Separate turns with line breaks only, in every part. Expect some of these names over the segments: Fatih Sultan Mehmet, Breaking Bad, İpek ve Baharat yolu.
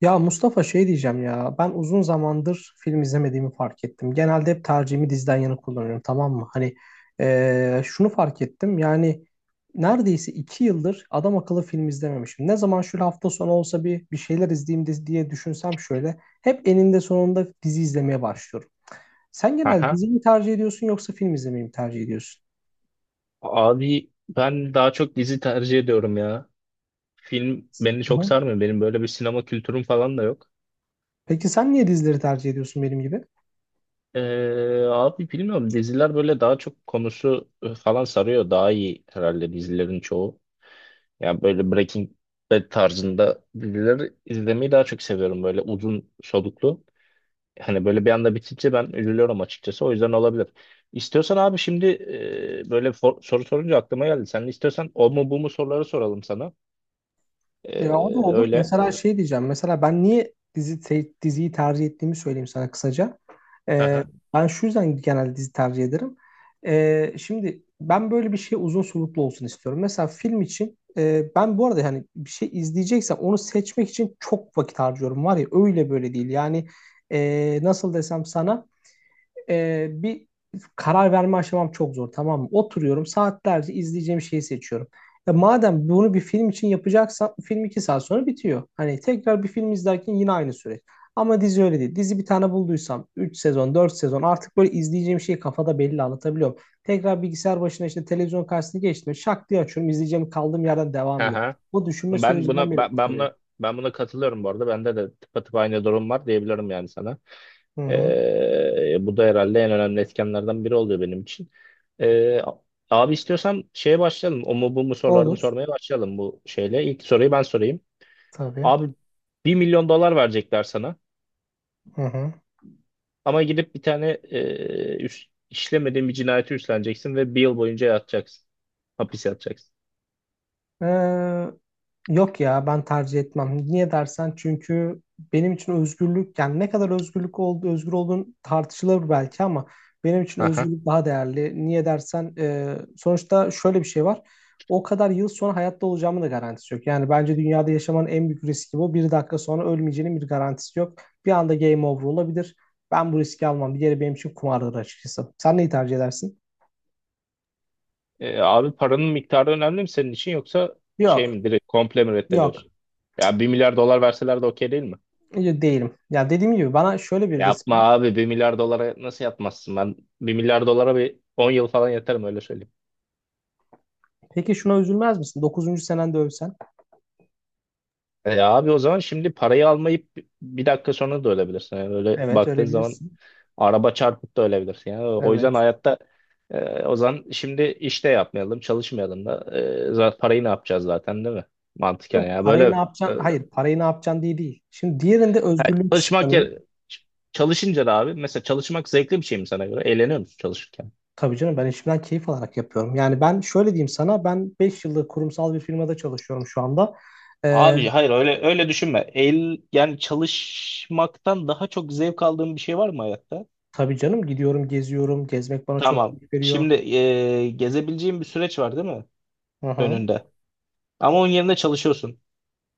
Ya Mustafa şey diyeceğim ya ben uzun zamandır film izlemediğimi fark ettim. Genelde hep tercihimi diziden yana kullanıyorum tamam mı? Hani şunu fark ettim yani neredeyse 2 yıldır adam akıllı film izlememişim. Ne zaman şu hafta sonu olsa bir şeyler izleyeyim diye düşünsem şöyle hep eninde sonunda dizi izlemeye başlıyorum. Sen genelde
Aha.
dizi mi tercih ediyorsun yoksa film izlemeyi mi tercih ediyorsun?
Abi ben daha çok dizi tercih ediyorum ya. Film beni
Hı
çok
hı.
sarmıyor. Benim böyle bir sinema kültürüm falan da yok.
Peki sen niye dizileri tercih ediyorsun benim gibi?
Abi bilmiyorum diziler böyle daha çok konusu falan sarıyor. Daha iyi herhalde dizilerin çoğu. Yani böyle Breaking Bad tarzında dizileri izlemeyi daha çok seviyorum. Böyle uzun soluklu. Hani böyle bir anda bitince ben üzülüyorum açıkçası. O yüzden olabilir. İstiyorsan abi şimdi böyle soru sorunca aklıma geldi. Sen istiyorsan o mu bu mu soruları soralım sana.
Ya o da
Ee,
olur.
öyle.
Mesela şey diyeceğim. Mesela ben niye diziyi tercih ettiğimi söyleyeyim sana kısaca.
Hı
Ee,
hı.
ben şu yüzden genelde dizi tercih ederim. Şimdi ben böyle bir şey uzun soluklu olsun istiyorum. Mesela film için ben bu arada hani bir şey izleyeceksem onu seçmek için çok vakit harcıyorum. Var ya öyle böyle değil. Yani nasıl desem sana bir karar verme aşamam çok zor tamam mı? Oturuyorum saatlerce izleyeceğim şeyi seçiyorum. Ya madem bunu bir film için yapacaksan film 2 saat sonra bitiyor. Hani tekrar bir film izlerken yine aynı süreç. Ama dizi öyle değil. Dizi bir tane bulduysam 3 sezon 4 sezon artık böyle izleyeceğim şeyi kafada belli anlatabiliyorum. Tekrar bilgisayar başına işte televizyon karşısına geçtim. Şak diye açıyorum izleyeceğim kaldığım yerden devam
Hı
ediyor.
hı.
O düşünme
Ben
sürecinden
buna
beni
ben, ben
kurtarıyor.
buna ben buna katılıyorum bu arada. Bende de tıpatıp aynı durum var diyebilirim yani sana.
Hı hı.
Bu da herhalde en önemli etkenlerden biri oluyor benim için. Ee, abi istiyorsan şeye başlayalım. O mu bu mu sorularını
Olur.
sormaya başlayalım bu şeyle. İlk soruyu ben sorayım.
Tabii.
Abi bir milyon dolar verecekler sana.
Hı hı.
Ama gidip bir tane işlemediğin bir cinayeti üstleneceksin ve bir yıl boyunca yatacaksın. Hapis yatacaksın.
Ee, yok ya ben tercih etmem. Niye dersen çünkü benim için özgürlük yani ne kadar özgürlük oldu özgür olduğun tartışılır belki ama benim için özgürlük daha değerli. Niye dersen sonuçta şöyle bir şey var. O kadar yıl sonra hayatta olacağımın da garantisi yok. Yani bence dünyada yaşamanın en büyük riski bu. Bir dakika sonra ölmeyeceğinin bir garantisi yok. Bir anda game over olabilir. Ben bu riski almam. Bir yere benim için kumardır açıkçası. Sen neyi tercih edersin?
Abi paranın miktarı önemli mi senin için, yoksa şey
Yok,
mi, direkt komple mi
yok.
reddediyorsun? Ya bir milyar dolar verseler de okey değil mi?
Değilim. Ya dediğim gibi bana şöyle bir risk.
Yapma abi, bir milyar dolara nasıl yatmazsın? Ben bir milyar dolara bir 10 yıl falan yatarım, öyle söyleyeyim.
Peki şuna üzülmez misin? 9. senende ölsen.
E abi o zaman şimdi parayı almayıp bir dakika sonra da ölebilirsin. Yani öyle
Evet,
baktığın zaman
ölebilirsin.
araba çarpıp da ölebilirsin. Yani o yüzden
Evet.
hayatta o zaman şimdi işte yapmayalım, çalışmayalım da parayı ne yapacağız zaten, değil mi? Mantıken
Yok,
ya
parayı
böyle.
ne
e,
yapacaksın? Hayır, parayı ne yapacaksın diye değil. Şimdi diğerinde
Ha,
özgürlüğün
çalışmak
kısıtlanıyor.
yer- çalışınca da abi, mesela çalışmak zevkli bir şey mi sana göre? Eğleniyor musun çalışırken?
Tabii canım ben işimden keyif alarak yapıyorum. Yani ben şöyle diyeyim sana ben 5 yıllık kurumsal bir firmada çalışıyorum şu anda. Ee,
Abi hayır, öyle öyle düşünme. Yani çalışmaktan daha çok zevk aldığın bir şey var mı hayatta?
tabii canım gidiyorum geziyorum. Gezmek bana çok
Tamam.
keyif veriyor.
Şimdi gezebileceğin bir süreç var değil mi
Hı hı.
önünde? Ama onun yerine çalışıyorsun.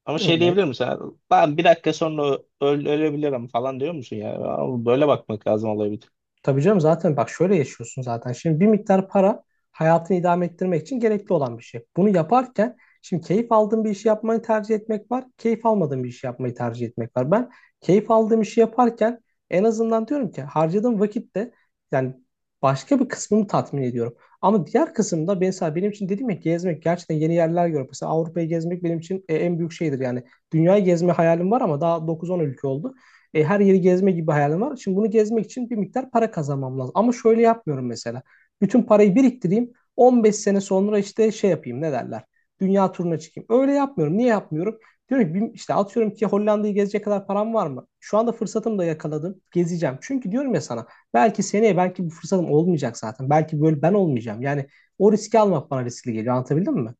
Ama şey diyebilir
Evet.
misin? Ben bir dakika sonra ölebilirim falan diyor musun ya? Abi böyle bakmak lazım olaya bir tık.
Tabii canım zaten bak şöyle yaşıyorsun zaten. Şimdi bir miktar para hayatını idame ettirmek için gerekli olan bir şey. Bunu yaparken şimdi keyif aldığın bir işi yapmayı tercih etmek var. Keyif almadığın bir işi yapmayı tercih etmek var. Ben keyif aldığım işi yaparken en azından diyorum ki harcadığım vakitte yani başka bir kısmını tatmin ediyorum. Ama diğer kısımda mesela benim için dedim ya gezmek gerçekten yeni yerler görmek. Mesela Avrupa'yı gezmek benim için en büyük şeydir yani. Dünyayı gezme hayalim var ama daha 9-10 ülke oldu. Her yeri gezme gibi hayalim var. Şimdi bunu gezmek için bir miktar para kazanmam lazım. Ama şöyle yapmıyorum mesela. Bütün parayı biriktireyim. 15 sene sonra işte şey yapayım ne derler. Dünya turuna çıkayım. Öyle yapmıyorum. Niye yapmıyorum? Diyorum ki işte atıyorum ki Hollanda'yı gezecek kadar param var mı? Şu anda fırsatımı da yakaladım. Gezeceğim. Çünkü diyorum ya sana belki seneye belki bu fırsatım olmayacak zaten. Belki böyle ben olmayacağım. Yani o riski almak bana riskli geliyor. Anlatabildim mi?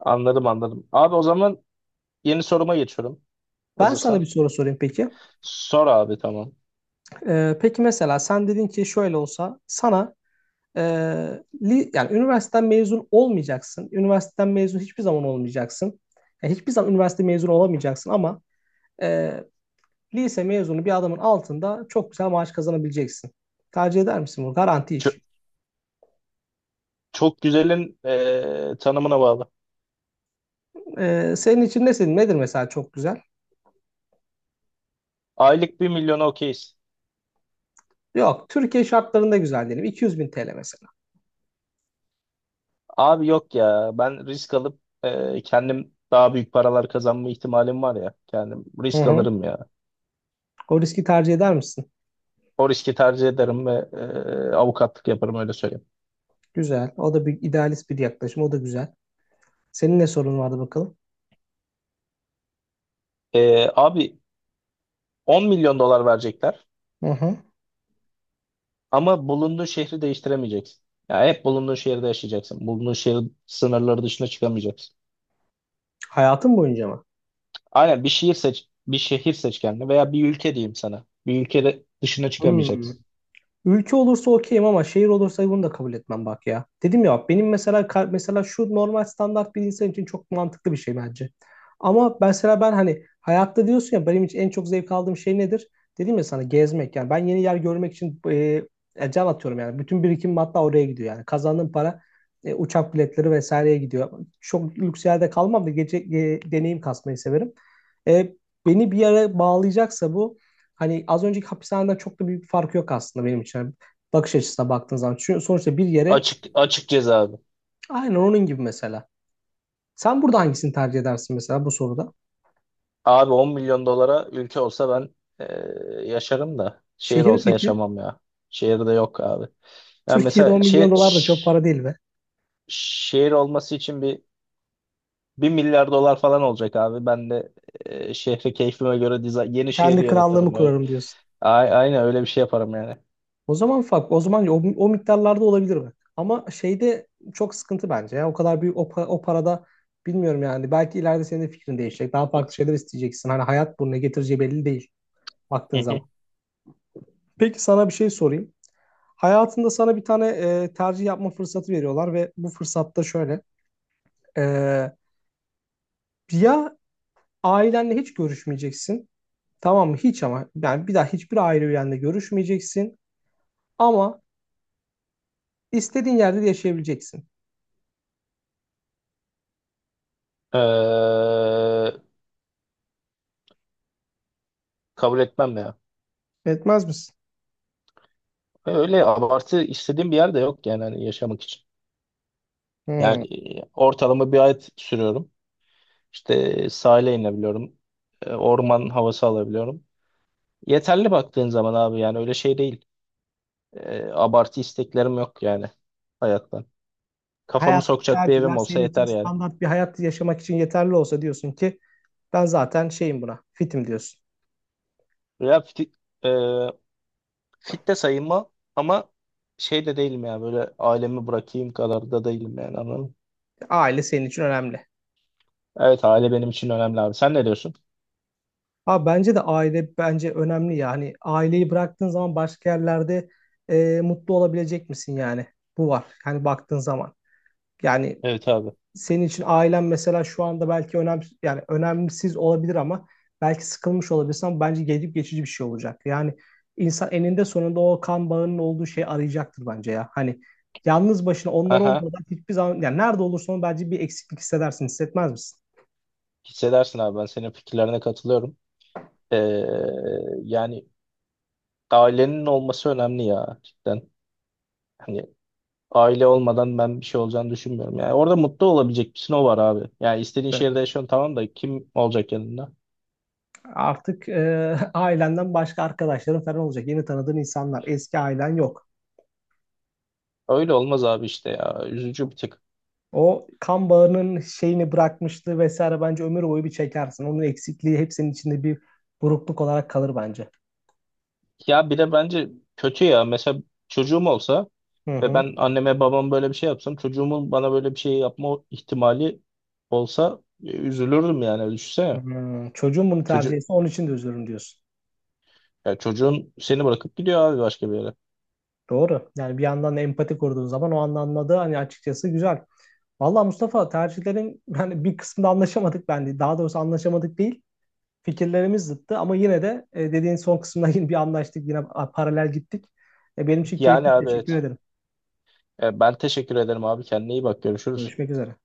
Anladım anladım. Abi o zaman yeni soruma geçiyorum.
Ben sana bir
Hazırsan.
soru sorayım peki.
Sor abi, tamam.
Peki mesela sen dedin ki şöyle olsa sana. Yani üniversiteden mezun olmayacaksın. Üniversiteden mezun hiçbir zaman olmayacaksın. Yani hiçbir zaman üniversite mezunu olamayacaksın ama e, lise mezunu bir adamın altında çok güzel maaş kazanabileceksin. Tercih eder misin bu? Garanti iş.
Çok güzelin tanımına bağlı.
Senin için ne nedir mesela çok güzel?
Aylık bir milyona okeyiz.
Yok, Türkiye şartlarında güzel diyelim. 200 bin TL mesela.
Abi yok ya, ben risk alıp kendim daha büyük paralar kazanma ihtimalim var ya. Kendim
Hı
risk
hı.
alırım ya.
O riski tercih eder misin?
O riski tercih ederim ve avukatlık yaparım, öyle söyleyeyim.
Güzel. O da bir idealist bir yaklaşım. O da güzel. Senin ne sorun vardı bakalım?
Abi 10 milyon dolar verecekler
Hı hı.
ama bulunduğun şehri değiştiremeyeceksin. Ya hep bulunduğun şehirde yaşayacaksın. Bulunduğun şehir sınırları dışına çıkamayacaksın.
Hayatın boyunca mı?
Aynen, bir şehir seç kendine, veya bir ülke diyeyim sana. Bir ülkede dışına
Hmm.
çıkamayacaksın.
Ülke olursa okeyim ama şehir olursa bunu da kabul etmem bak ya. Dedim ya benim mesela mesela şu normal standart bir insan için çok mantıklı bir şey bence. Ama mesela ben hani hayatta diyorsun ya benim için en çok zevk aldığım şey nedir? Dedim ya sana gezmek yani ben yeni yer görmek için can atıyorum yani. Bütün birikimim hatta oraya gidiyor yani. Kazandığım para uçak biletleri vesaireye gidiyor. Çok lüks yerde kalmam da gece deneyim kasmayı severim. E, beni bir yere bağlayacaksa bu hani az önceki hapishaneden çok da büyük bir farkı yok aslında benim için. Bakış açısına baktığın zaman. Çünkü sonuçta bir yere
Açık açık ceza abi.
aynen onun gibi mesela. Sen burada hangisini tercih edersin mesela bu soruda?
Abi 10 milyon dolara ülke olsa ben yaşarım da şehir
Şehir
olsa
peki?
yaşamam ya. Şehirde yok abi. Yani
Türkiye'de
mesela
10 milyon dolar da çok para değil be.
şehir olması için bir 1 milyar dolar falan olacak abi. Ben de şehri keyfime göre diza yeni şehri
Kendi krallığımı
yaratırım. Öyle,
kurarım diyorsun.
a- aynen öyle bir şey yaparım yani.
O zaman fark, o zaman o miktarlarda olabilir mi? Ama şeyde çok sıkıntı bence ya. O kadar büyük o parada bilmiyorum yani. Belki ileride senin de fikrin değişecek. Daha farklı şeyler isteyeceksin. Hani hayat bunu ne getireceği belli değil
Hı
baktığın zaman.
hı.
Peki sana bir şey sorayım. Hayatında sana bir tane tercih yapma fırsatı veriyorlar ve bu fırsatta şöyle. e, ya ailenle hiç görüşmeyeceksin. Tamam mı? Hiç ama. Yani bir daha hiçbir aile üyenle görüşmeyeceksin. Ama istediğin yerde de yaşayabileceksin.
Eee, kabul etmem ya.
Etmez misin?
Öyle abartı istediğim bir yer de yok yani, hani yaşamak için.
Hmm.
Yani ortalama bir ay sürüyorum. İşte sahile inebiliyorum. Orman havası alabiliyorum. Yeterli baktığın zaman abi, yani öyle şey değil. Abartı isteklerim yok yani hayattan. Kafamı
Hayattaki
sokacak bir evim
tercihler
olsa
senin için
yeter yani.
standart bir hayat yaşamak için yeterli olsa diyorsun ki ben zaten şeyim buna, fitim diyorsun.
Ya fit, e, fit de sayılma ama şey de değilim ya, böyle ailemi bırakayım kadar da değilim yani, anladın mı?
Aile senin için önemli.
Evet, aile benim için önemli abi. Sen ne diyorsun?
Ha bence de aile bence önemli ya hani aileyi bıraktığın zaman başka yerlerde mutlu olabilecek misin yani bu var yani baktığın zaman yani
Evet abi.
senin için ailen mesela şu anda belki önemli yani önemsiz olabilir ama belki sıkılmış olabilirsin ama bence gelip geçici bir şey olacak yani insan eninde sonunda o kan bağının olduğu şeyi arayacaktır bence ya hani yalnız başına onlar
Aha,
olmadan hiçbir zaman yani nerede olursan ol bence bir eksiklik hissedersin hissetmez misin?
hissedersin abi, ben senin fikirlerine katılıyorum. E, yani ailenin olması önemli ya, cidden. Hani aile olmadan ben bir şey olacağını düşünmüyorum. Yani orada mutlu olabilecek bir sınav var abi. Yani istediğin şehirde yaşıyorsun tamam da, kim olacak yanında?
Artık ailenden başka arkadaşların falan olacak. Yeni tanıdığın insanlar. Eski ailen yok.
Öyle olmaz abi işte ya. Üzücü bir tık.
O kan bağının şeyini bırakmıştı vesaire bence ömür boyu bir çekersin. Onun eksikliği hepsinin içinde bir burukluk olarak kalır bence.
Ya bir de bence kötü ya. Mesela çocuğum olsa
Hı
ve
hı.
ben anneme babam böyle bir şey yapsam, çocuğumun bana böyle bir şey yapma ihtimali olsa üzülürdüm yani. Düşünsene.
Hmm, çocuğun bunu tercih
Çocu
etse onun için de üzülürüm diyorsun.
ya çocuğun seni bırakıp gidiyor abi, başka bir yere.
Doğru. Yani bir yandan da empati kurduğun zaman o anda anladığı hani açıkçası güzel. Vallahi Mustafa tercihlerin yani bir kısmında anlaşamadık bence. Daha doğrusu anlaşamadık değil. Fikirlerimiz zıttı ama yine de dediğin son kısımda yine bir anlaştık, yine paralel gittik. Benim için
Yani
keyifli.
abi,
Teşekkür
evet.
ederim.
Ben teşekkür ederim abi. Kendine iyi bak. Görüşürüz.
Görüşmek üzere.